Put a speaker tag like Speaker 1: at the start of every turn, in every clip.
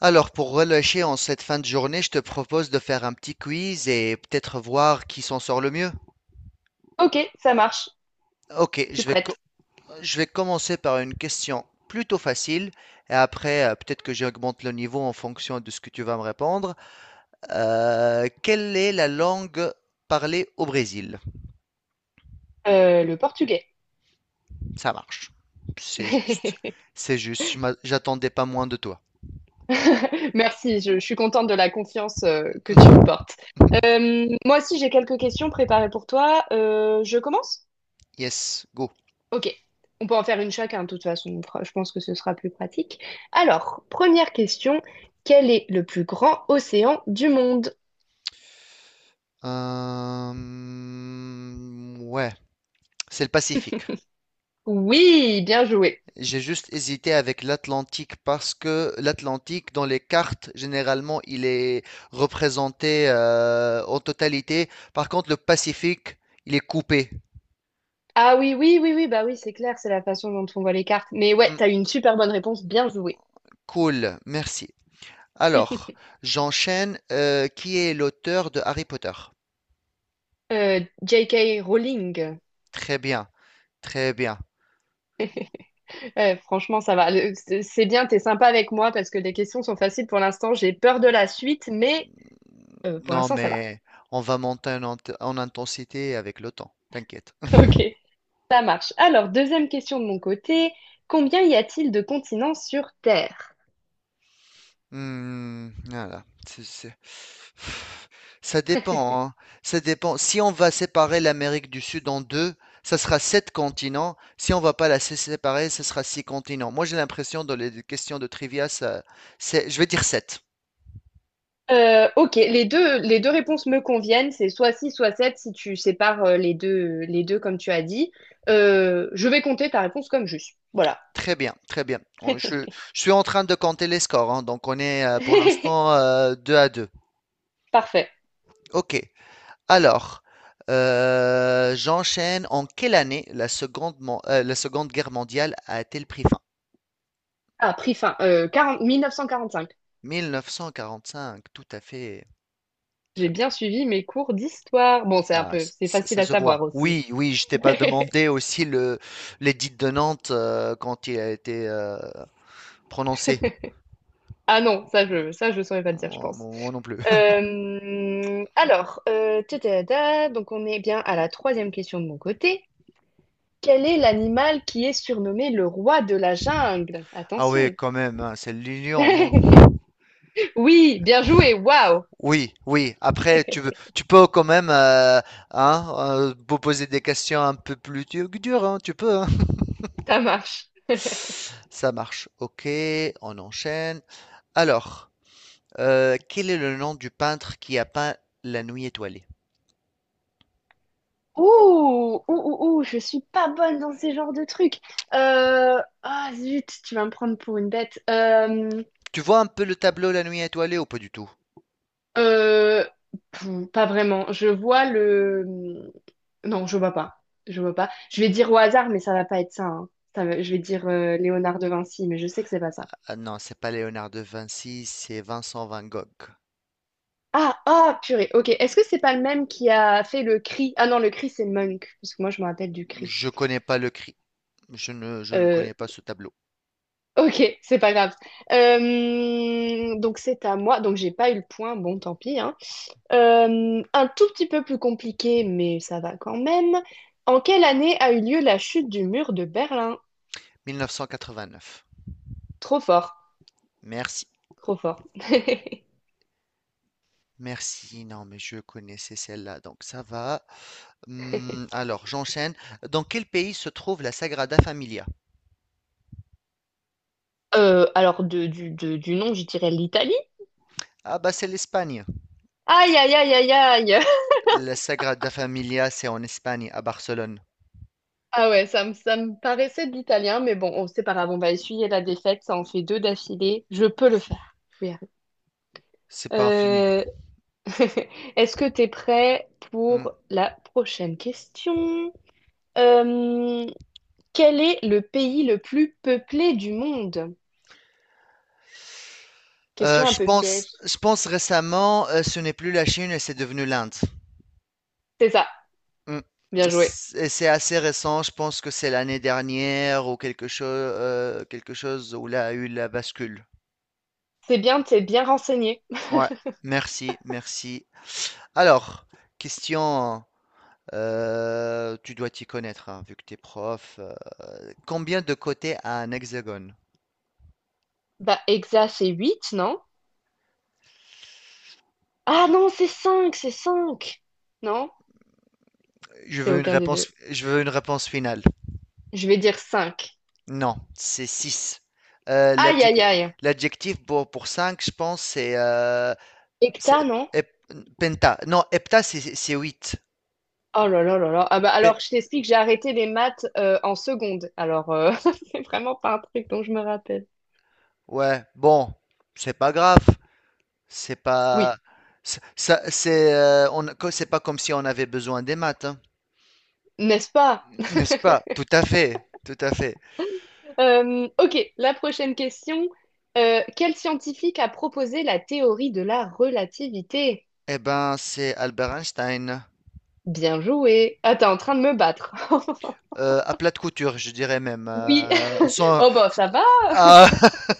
Speaker 1: Alors, pour relâcher en cette fin de journée, je te propose de faire un petit quiz et peut-être voir qui s'en sort le mieux.
Speaker 2: Ok, ça marche,
Speaker 1: Ok,
Speaker 2: je suis prête.
Speaker 1: je vais commencer par une question plutôt facile et après, peut-être que j'augmente le niveau en fonction de ce que tu vas me répondre. Quelle est la langue parlée au Brésil?
Speaker 2: Le portugais.
Speaker 1: Ça marche. C'est juste. C'est juste. J'attendais pas moins de toi.
Speaker 2: Merci, je suis contente de la confiance que tu me portes. Moi aussi, j'ai quelques questions préparées pour toi. Je commence?
Speaker 1: Yes, go.
Speaker 2: Ok, on peut en faire une chacun, de toute façon. Je pense que ce sera plus pratique. Alors, première question, quel est le plus grand océan du monde?
Speaker 1: Euh, ouais, c'est le Pacifique.
Speaker 2: Oui, bien joué.
Speaker 1: J'ai juste hésité avec l'Atlantique parce que l'Atlantique, dans les cartes, généralement, il est représenté en totalité. Par contre, le Pacifique, il est coupé.
Speaker 2: Ah oui, oui, oui, oui, bah oui, c'est clair, c'est la façon dont on voit les cartes. Mais ouais,
Speaker 1: Hmm,
Speaker 2: t'as eu une super bonne réponse, bien joué.
Speaker 1: cool, merci. Alors, j'enchaîne. Qui est l'auteur de Harry Potter?
Speaker 2: J.K. Rowling.
Speaker 1: Très bien, très bien.
Speaker 2: Ouais, franchement, ça va. C'est bien, t'es sympa avec moi parce que les questions sont faciles pour l'instant. J'ai peur de la suite, mais pour
Speaker 1: Non,
Speaker 2: l'instant, ça va.
Speaker 1: mais on va monter en intensité avec le temps, t'inquiète.
Speaker 2: Ok, ça marche. Alors, deuxième question de mon côté. Combien y a-t-il de continents sur Terre?
Speaker 1: Hmm, voilà. Ça dépend, hein. Ça dépend. Si on va séparer l'Amérique du Sud en deux, ça sera sept continents. Si on va pas la séparer, ce sera six continents. Moi, j'ai l'impression dans les questions de trivia, ça, c'est, je vais dire sept.
Speaker 2: Ok, les deux réponses me conviennent. C'est soit 6, soit 7, si tu sépares les deux comme tu as dit. Je vais compter ta réponse comme juste. Voilà.
Speaker 1: Très bien, très bien. On- Je, je suis en train de compter les scores, hein. Donc on est pour l'instant deux à deux.
Speaker 2: Parfait.
Speaker 1: Ok. Alors, j'enchaîne. En quelle année la Seconde Guerre mondiale a-t-elle pris fin?
Speaker 2: Ah, prix fin. Euh, 40 1945.
Speaker 1: 1945, tout à fait.
Speaker 2: J'ai
Speaker 1: Très bien.
Speaker 2: bien suivi mes cours d'histoire. Bon, c'est un
Speaker 1: Ah,
Speaker 2: peu, c'est facile
Speaker 1: ça
Speaker 2: à
Speaker 1: se voit.
Speaker 2: savoir aussi.
Speaker 1: Oui, oui, je t'ai pas demandé aussi le l'édit de Nantes quand il a été prononcé.
Speaker 2: Ah non, ça je saurais pas te dire, je
Speaker 1: Moi,
Speaker 2: pense.
Speaker 1: moi non plus.
Speaker 2: Donc on est bien à la troisième question de mon côté. Quel est l'animal qui est surnommé le roi de la jungle?
Speaker 1: Ah oui,
Speaker 2: Attention.
Speaker 1: quand même, hein, c'est l'Union, non?
Speaker 2: Oui, bien joué. Waouh,
Speaker 1: Oui, oui. Après, tu peux quand même hein, vous poser des questions un peu plus dures, hein, tu peux, hein.
Speaker 2: ça marche.
Speaker 1: Ça marche. Ok, on enchaîne. Alors, quel est le nom du peintre qui a peint La Nuit étoilée?
Speaker 2: Ouh, ouh, ouh, ouh, je suis pas bonne dans ces genres de trucs. Ah zut, tu vas me prendre pour une bête.
Speaker 1: Tu vois un peu le tableau La Nuit étoilée ou pas du tout?
Speaker 2: Euh, Pas vraiment. Je vois le... Non, je vois pas. Je vois pas. Je vais dire au hasard, mais ça va pas être ça, hein. Je vais dire Léonard de Vinci, mais je sais que c'est pas ça.
Speaker 1: Ah non, c'est pas Léonard de Vinci, c'est Vincent Van Gogh.
Speaker 2: Ah, ah, purée. Ok. Est-ce que c'est pas le même qui a fait le cri? Ah non, le cri, c'est Monk. Parce que moi, je me rappelle du cri.
Speaker 1: Je connais pas le cri. Je ne
Speaker 2: Euh,
Speaker 1: connais pas ce tableau.
Speaker 2: ok, c'est pas grave. Donc c'est à moi. Donc j'ai pas eu le point. Bon, tant pis, hein. Un tout petit peu plus compliqué, mais ça va quand même. En quelle année a eu lieu la chute du mur de Berlin?
Speaker 1: 1989.
Speaker 2: Trop fort,
Speaker 1: Merci.
Speaker 2: trop fort.
Speaker 1: Merci. Non, mais je connaissais celle-là, donc ça va. Alors, j'enchaîne. Dans quel pays se trouve la Sagrada Familia?
Speaker 2: Du nom, je dirais l'Italie.
Speaker 1: Ah bah c'est l'Espagne.
Speaker 2: Aïe, aïe, aïe, aïe, aïe.
Speaker 1: La Sagrada Familia, c'est en Espagne, à Barcelone.
Speaker 2: Ah ouais, ça me paraissait de l'italien, mais bon, c'est pas grave, on va essuyer la défaite, ça en fait deux d'affilée. Je peux le faire. Je vais y arriver.
Speaker 1: C'est pas fini.
Speaker 2: Euh, Est-ce que t'es prêt
Speaker 1: Hum.
Speaker 2: pour la prochaine question? Euh, Quel est le pays le plus peuplé du monde? Question un
Speaker 1: Je
Speaker 2: peu
Speaker 1: pense,
Speaker 2: piège.
Speaker 1: je pense récemment, ce n'est plus la Chine, et c'est devenu l'Inde.
Speaker 2: C'est ça,
Speaker 1: Mmh.
Speaker 2: bien joué.
Speaker 1: C'est assez récent, je pense que c'est l'année dernière ou quelque chose où il a eu la bascule.
Speaker 2: C'est bien, t'es bien renseigné.
Speaker 1: Ouais, merci, merci. Alors, question, tu dois t'y connaître, hein, vu que t'es prof, combien de côtés a un hexagone?
Speaker 2: Bah, Hexa, c'est 8, non? Ah non, c'est 5, c'est cinq. Non,
Speaker 1: Je
Speaker 2: c'est
Speaker 1: veux une
Speaker 2: aucun des deux.
Speaker 1: réponse je veux une réponse finale.
Speaker 2: Je vais dire 5.
Speaker 1: Non, c'est 6.
Speaker 2: Aïe, aïe, aïe.
Speaker 1: L'adjectif pour 5, je pense, c'est
Speaker 2: Hecta, non?
Speaker 1: hep penta. Non, hepta, c'est 8.
Speaker 2: Oh là là là là. Ah bah alors, je t'explique, j'ai arrêté les maths en seconde. Alors, c'est vraiment pas un truc dont je me rappelle.
Speaker 1: Ouais, bon, c'est pas grave, c'est pas,
Speaker 2: Oui,
Speaker 1: c'est- ça, c'est, on, co- c'est pas comme si on avait besoin des maths, hein,
Speaker 2: n'est-ce pas?
Speaker 1: n'est-ce pas? Tout à fait, tout à fait.
Speaker 2: Ok, la prochaine question. Quel scientifique a proposé la théorie de la relativité?
Speaker 1: Eh ben, c'est Albert Einstein,
Speaker 2: Bien joué. Ah, t'es en train de me battre.
Speaker 1: à plate couture, je dirais même.
Speaker 2: Oui. Oh, bon, ça va.
Speaker 1: Ah,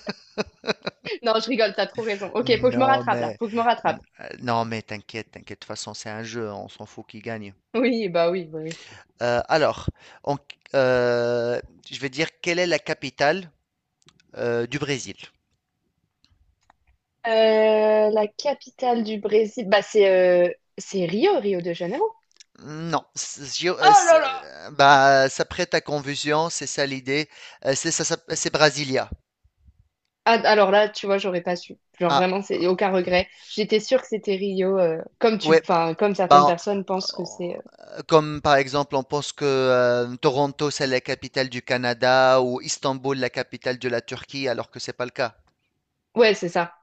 Speaker 2: Non, je rigole, t'as trop raison. Ok, faut que je me
Speaker 1: non
Speaker 2: rattrape là.
Speaker 1: mais,
Speaker 2: Faut que je me rattrape.
Speaker 1: non mais, t'inquiète, t'inquiète. De toute façon, c'est un jeu, on s'en fout qui gagne.
Speaker 2: Oui, bah oui, oui, oui.
Speaker 1: Alors, en- euh, je vais dire quelle est la capitale du Brésil?
Speaker 2: La capitale du Brésil, bah euh, c'est Rio de Janeiro.
Speaker 1: Non,
Speaker 2: Oh là là!
Speaker 1: bah, ça prête à confusion, c'est ça l'idée. C'est ça, c'est Brasilia.
Speaker 2: Ah, alors là, tu vois, j'aurais pas su. Genre
Speaker 1: Ah,
Speaker 2: vraiment, c'est aucun regret. J'étais sûre que c'était Rio,
Speaker 1: ouais,
Speaker 2: enfin, comme certaines
Speaker 1: bah,
Speaker 2: personnes pensent que c'est.
Speaker 1: comme par exemple, on pense que Toronto, c'est la capitale du Canada ou Istanbul, la capitale de la Turquie, alors que c'est pas le cas.
Speaker 2: Ouais, c'est ça,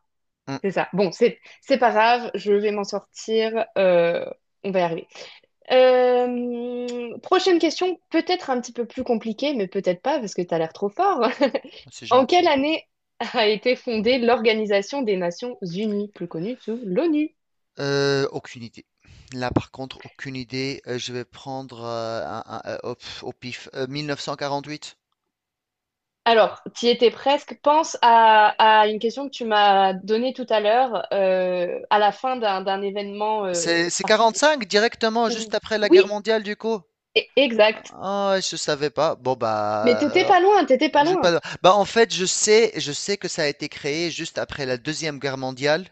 Speaker 1: Hum,
Speaker 2: c'est ça. Bon, c'est pas grave, je vais m'en sortir, on va y arriver. Prochaine question, peut-être un petit peu plus compliquée, mais peut-être pas parce que t'as l'air trop fort.
Speaker 1: c'est
Speaker 2: En quelle
Speaker 1: gentil.
Speaker 2: année a été fondée l'Organisation des Nations Unies, plus connue sous l'ONU?
Speaker 1: Aucune idée. Là, par contre, aucune idée. Je vais prendre au pif. 1948.
Speaker 2: Alors, tu étais presque. Pense à une question que tu m'as donnée tout à l'heure, à la fin d'un événement
Speaker 1: C'est
Speaker 2: particulier.
Speaker 1: cinq directement juste après la guerre
Speaker 2: Oui,
Speaker 1: mondiale du coup?
Speaker 2: exact.
Speaker 1: Ah, je savais pas. Bon
Speaker 2: Mais
Speaker 1: bah,
Speaker 2: t'étais pas loin, t'étais pas
Speaker 1: j'ai
Speaker 2: loin.
Speaker 1: pas. Bah en fait, je sais que ça a été créé juste après la Deuxième Guerre mondiale,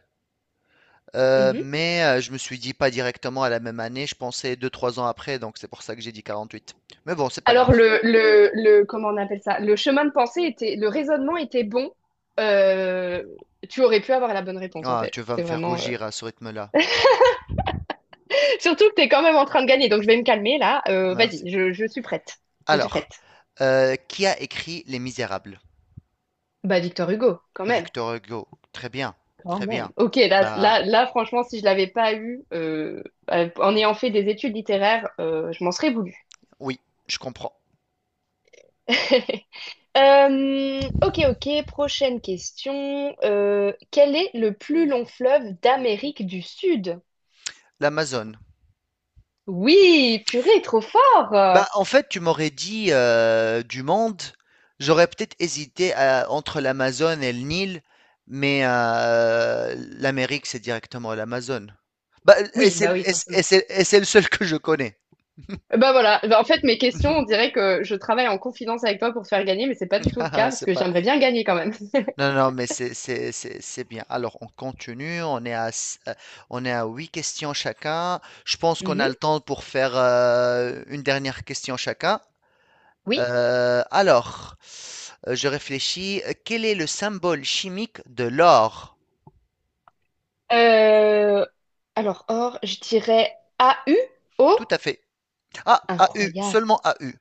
Speaker 1: mais je me suis dit pas directement à la même année. Je pensais deux trois ans après, donc c'est pour ça que j'ai dit quarante-huit. Mais bon, c'est pas grave.
Speaker 2: Alors le comment on appelle ça? Le chemin de pensée était, le raisonnement était bon. Euh, Tu aurais pu avoir la bonne réponse en
Speaker 1: Ah, tu
Speaker 2: fait.
Speaker 1: vas me
Speaker 2: C'est
Speaker 1: faire
Speaker 2: vraiment.
Speaker 1: rougir à ce rythme-là.
Speaker 2: Surtout que t'es quand même en train de gagner, donc je vais me calmer là.
Speaker 1: Ah, merci.
Speaker 2: Vas-y, je suis prête. Je suis
Speaker 1: Alors,
Speaker 2: prête.
Speaker 1: qui a écrit Les Misérables?
Speaker 2: Bah Victor Hugo, quand même.
Speaker 1: Victor Hugo. Très bien,
Speaker 2: Quand
Speaker 1: très
Speaker 2: même.
Speaker 1: bien.
Speaker 2: Ok, là,
Speaker 1: Bah
Speaker 2: là, là, franchement, si je l'avais pas eu, en ayant fait des études littéraires, je m'en serais voulu.
Speaker 1: oui, je comprends.
Speaker 2: Ok, ok, prochaine question. Quel est le plus long fleuve d'Amérique du Sud?
Speaker 1: L'Amazone.
Speaker 2: Oui, purée, trop fort.
Speaker 1: Bah, en fait, tu m'aurais dit, du monde, j'aurais peut-être hésité à entre l'Amazone et le Nil, mais, l'Amérique, c'est directement l'Amazone. Bah, et
Speaker 2: Oui, bah
Speaker 1: c'est
Speaker 2: oui,
Speaker 1: et c'est
Speaker 2: forcément.
Speaker 1: et c'est et c'est le seul que je connais.
Speaker 2: Bah voilà. Bah, en fait mes questions, on dirait que je travaille en confidence avec toi pour te faire gagner, mais c'est pas du tout le cas
Speaker 1: Haha,
Speaker 2: parce
Speaker 1: C'est
Speaker 2: que
Speaker 1: pas
Speaker 2: j'aimerais bien gagner quand même.
Speaker 1: non, non, mais c'est bien. Alors on continue, on est à 8 questions chacun. Je pense qu'on a
Speaker 2: Mhm.
Speaker 1: le temps pour faire, une dernière question chacun.
Speaker 2: Oui.
Speaker 1: Alors, je réfléchis. Quel est le symbole chimique de l'or?
Speaker 2: Euh, Alors or, je dirais AU. O.
Speaker 1: Tout à fait. Ah, AU,
Speaker 2: Incroyable.
Speaker 1: seulement AU.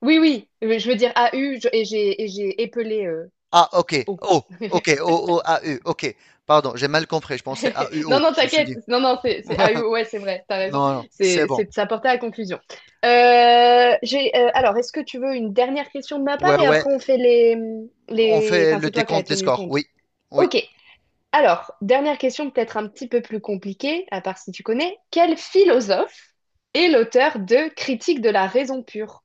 Speaker 2: Oui, oui, je veux dire AU et j'ai épelé
Speaker 1: Ah, ok.
Speaker 2: O.
Speaker 1: Oh, ok. O oh, AU. Ok. Pardon, j'ai mal compris. Je pensais
Speaker 2: Non,
Speaker 1: AUO.
Speaker 2: non,
Speaker 1: Je me suis
Speaker 2: t'inquiète.
Speaker 1: dit.
Speaker 2: Non, non, ah, oui, ouais, c'est vrai, t'as raison.
Speaker 1: Non, non, c'est
Speaker 2: C'est,
Speaker 1: bon.
Speaker 2: c'est de s'apporter à la conclusion. Alors, est-ce que tu veux une dernière question de ma part
Speaker 1: Ouais,
Speaker 2: et
Speaker 1: ouais.
Speaker 2: après on fait
Speaker 1: On fait
Speaker 2: enfin,
Speaker 1: le
Speaker 2: c'est toi qui as
Speaker 1: décompte des
Speaker 2: tenu
Speaker 1: scores.
Speaker 2: compte.
Speaker 1: Oui, oui.
Speaker 2: Ok. Alors, dernière question peut-être un petit peu plus compliquée, à part si tu connais. Quel philosophe est l'auteur de Critique de la raison pure?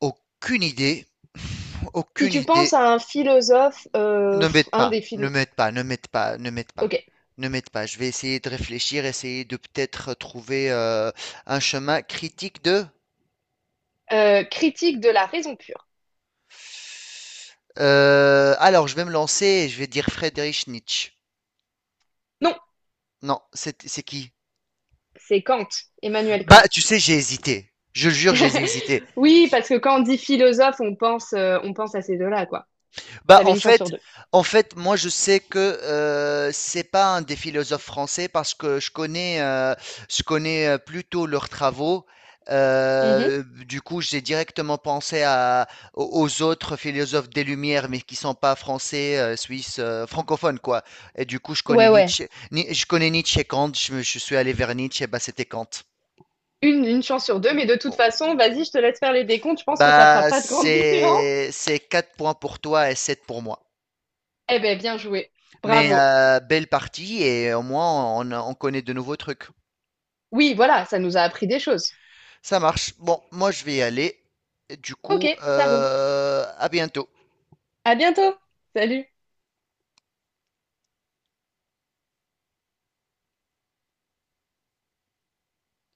Speaker 1: Aucune idée.
Speaker 2: Si
Speaker 1: Aucune
Speaker 2: tu penses
Speaker 1: idée.
Speaker 2: à un philosophe,
Speaker 1: Ne m'aide
Speaker 2: un
Speaker 1: pas,
Speaker 2: des philo...
Speaker 1: ne m'aide pas, ne m'aide pas, ne m'aide pas,
Speaker 2: Ok.
Speaker 1: ne m'aide pas. Je vais essayer de réfléchir, essayer de peut-être trouver un chemin critique de.
Speaker 2: Critique de la raison pure.
Speaker 1: Alors, je vais me lancer et je vais dire Friedrich Nietzsche.
Speaker 2: Non,
Speaker 1: Non, c'est qui?
Speaker 2: c'est Kant, Emmanuel
Speaker 1: Bah,
Speaker 2: Kant.
Speaker 1: tu sais, j'ai hésité. Je le jure, j'ai hésité.
Speaker 2: Oui, parce que quand on dit philosophe, on pense à ces deux-là, quoi.
Speaker 1: Bah,
Speaker 2: T'avais
Speaker 1: en
Speaker 2: une chance sur
Speaker 1: fait
Speaker 2: deux.
Speaker 1: en fait, moi, je sais que c'est pas un des philosophes français parce que je connais plutôt leurs travaux.
Speaker 2: Mhm.
Speaker 1: Du coup, j'ai directement pensé à, aux aux autres philosophes des Lumières, mais qui sont pas français, suisses, francophones, quoi. Et du coup, je connais
Speaker 2: Ouais, ouais.
Speaker 1: Nietzsche, Ni- je connais Nietzsche et Kant. Je suis allé vers Nietzsche, et bah, c'était Kant.
Speaker 2: Une chance sur deux, mais de toute façon, vas-y, je te laisse faire les décomptes, je pense que ça fera
Speaker 1: Bah,
Speaker 2: pas de grande différence.
Speaker 1: c'est 4 points pour toi et 7 pour moi.
Speaker 2: Eh ben, bien joué.
Speaker 1: Mais
Speaker 2: Bravo.
Speaker 1: belle partie et au moins on connaît de nouveaux trucs.
Speaker 2: Oui, voilà, ça nous a appris des choses.
Speaker 1: Ça marche. Bon, moi je vais y aller. Du
Speaker 2: Ok,
Speaker 1: coup,
Speaker 2: ça roule.
Speaker 1: à bientôt.
Speaker 2: À bientôt. Salut.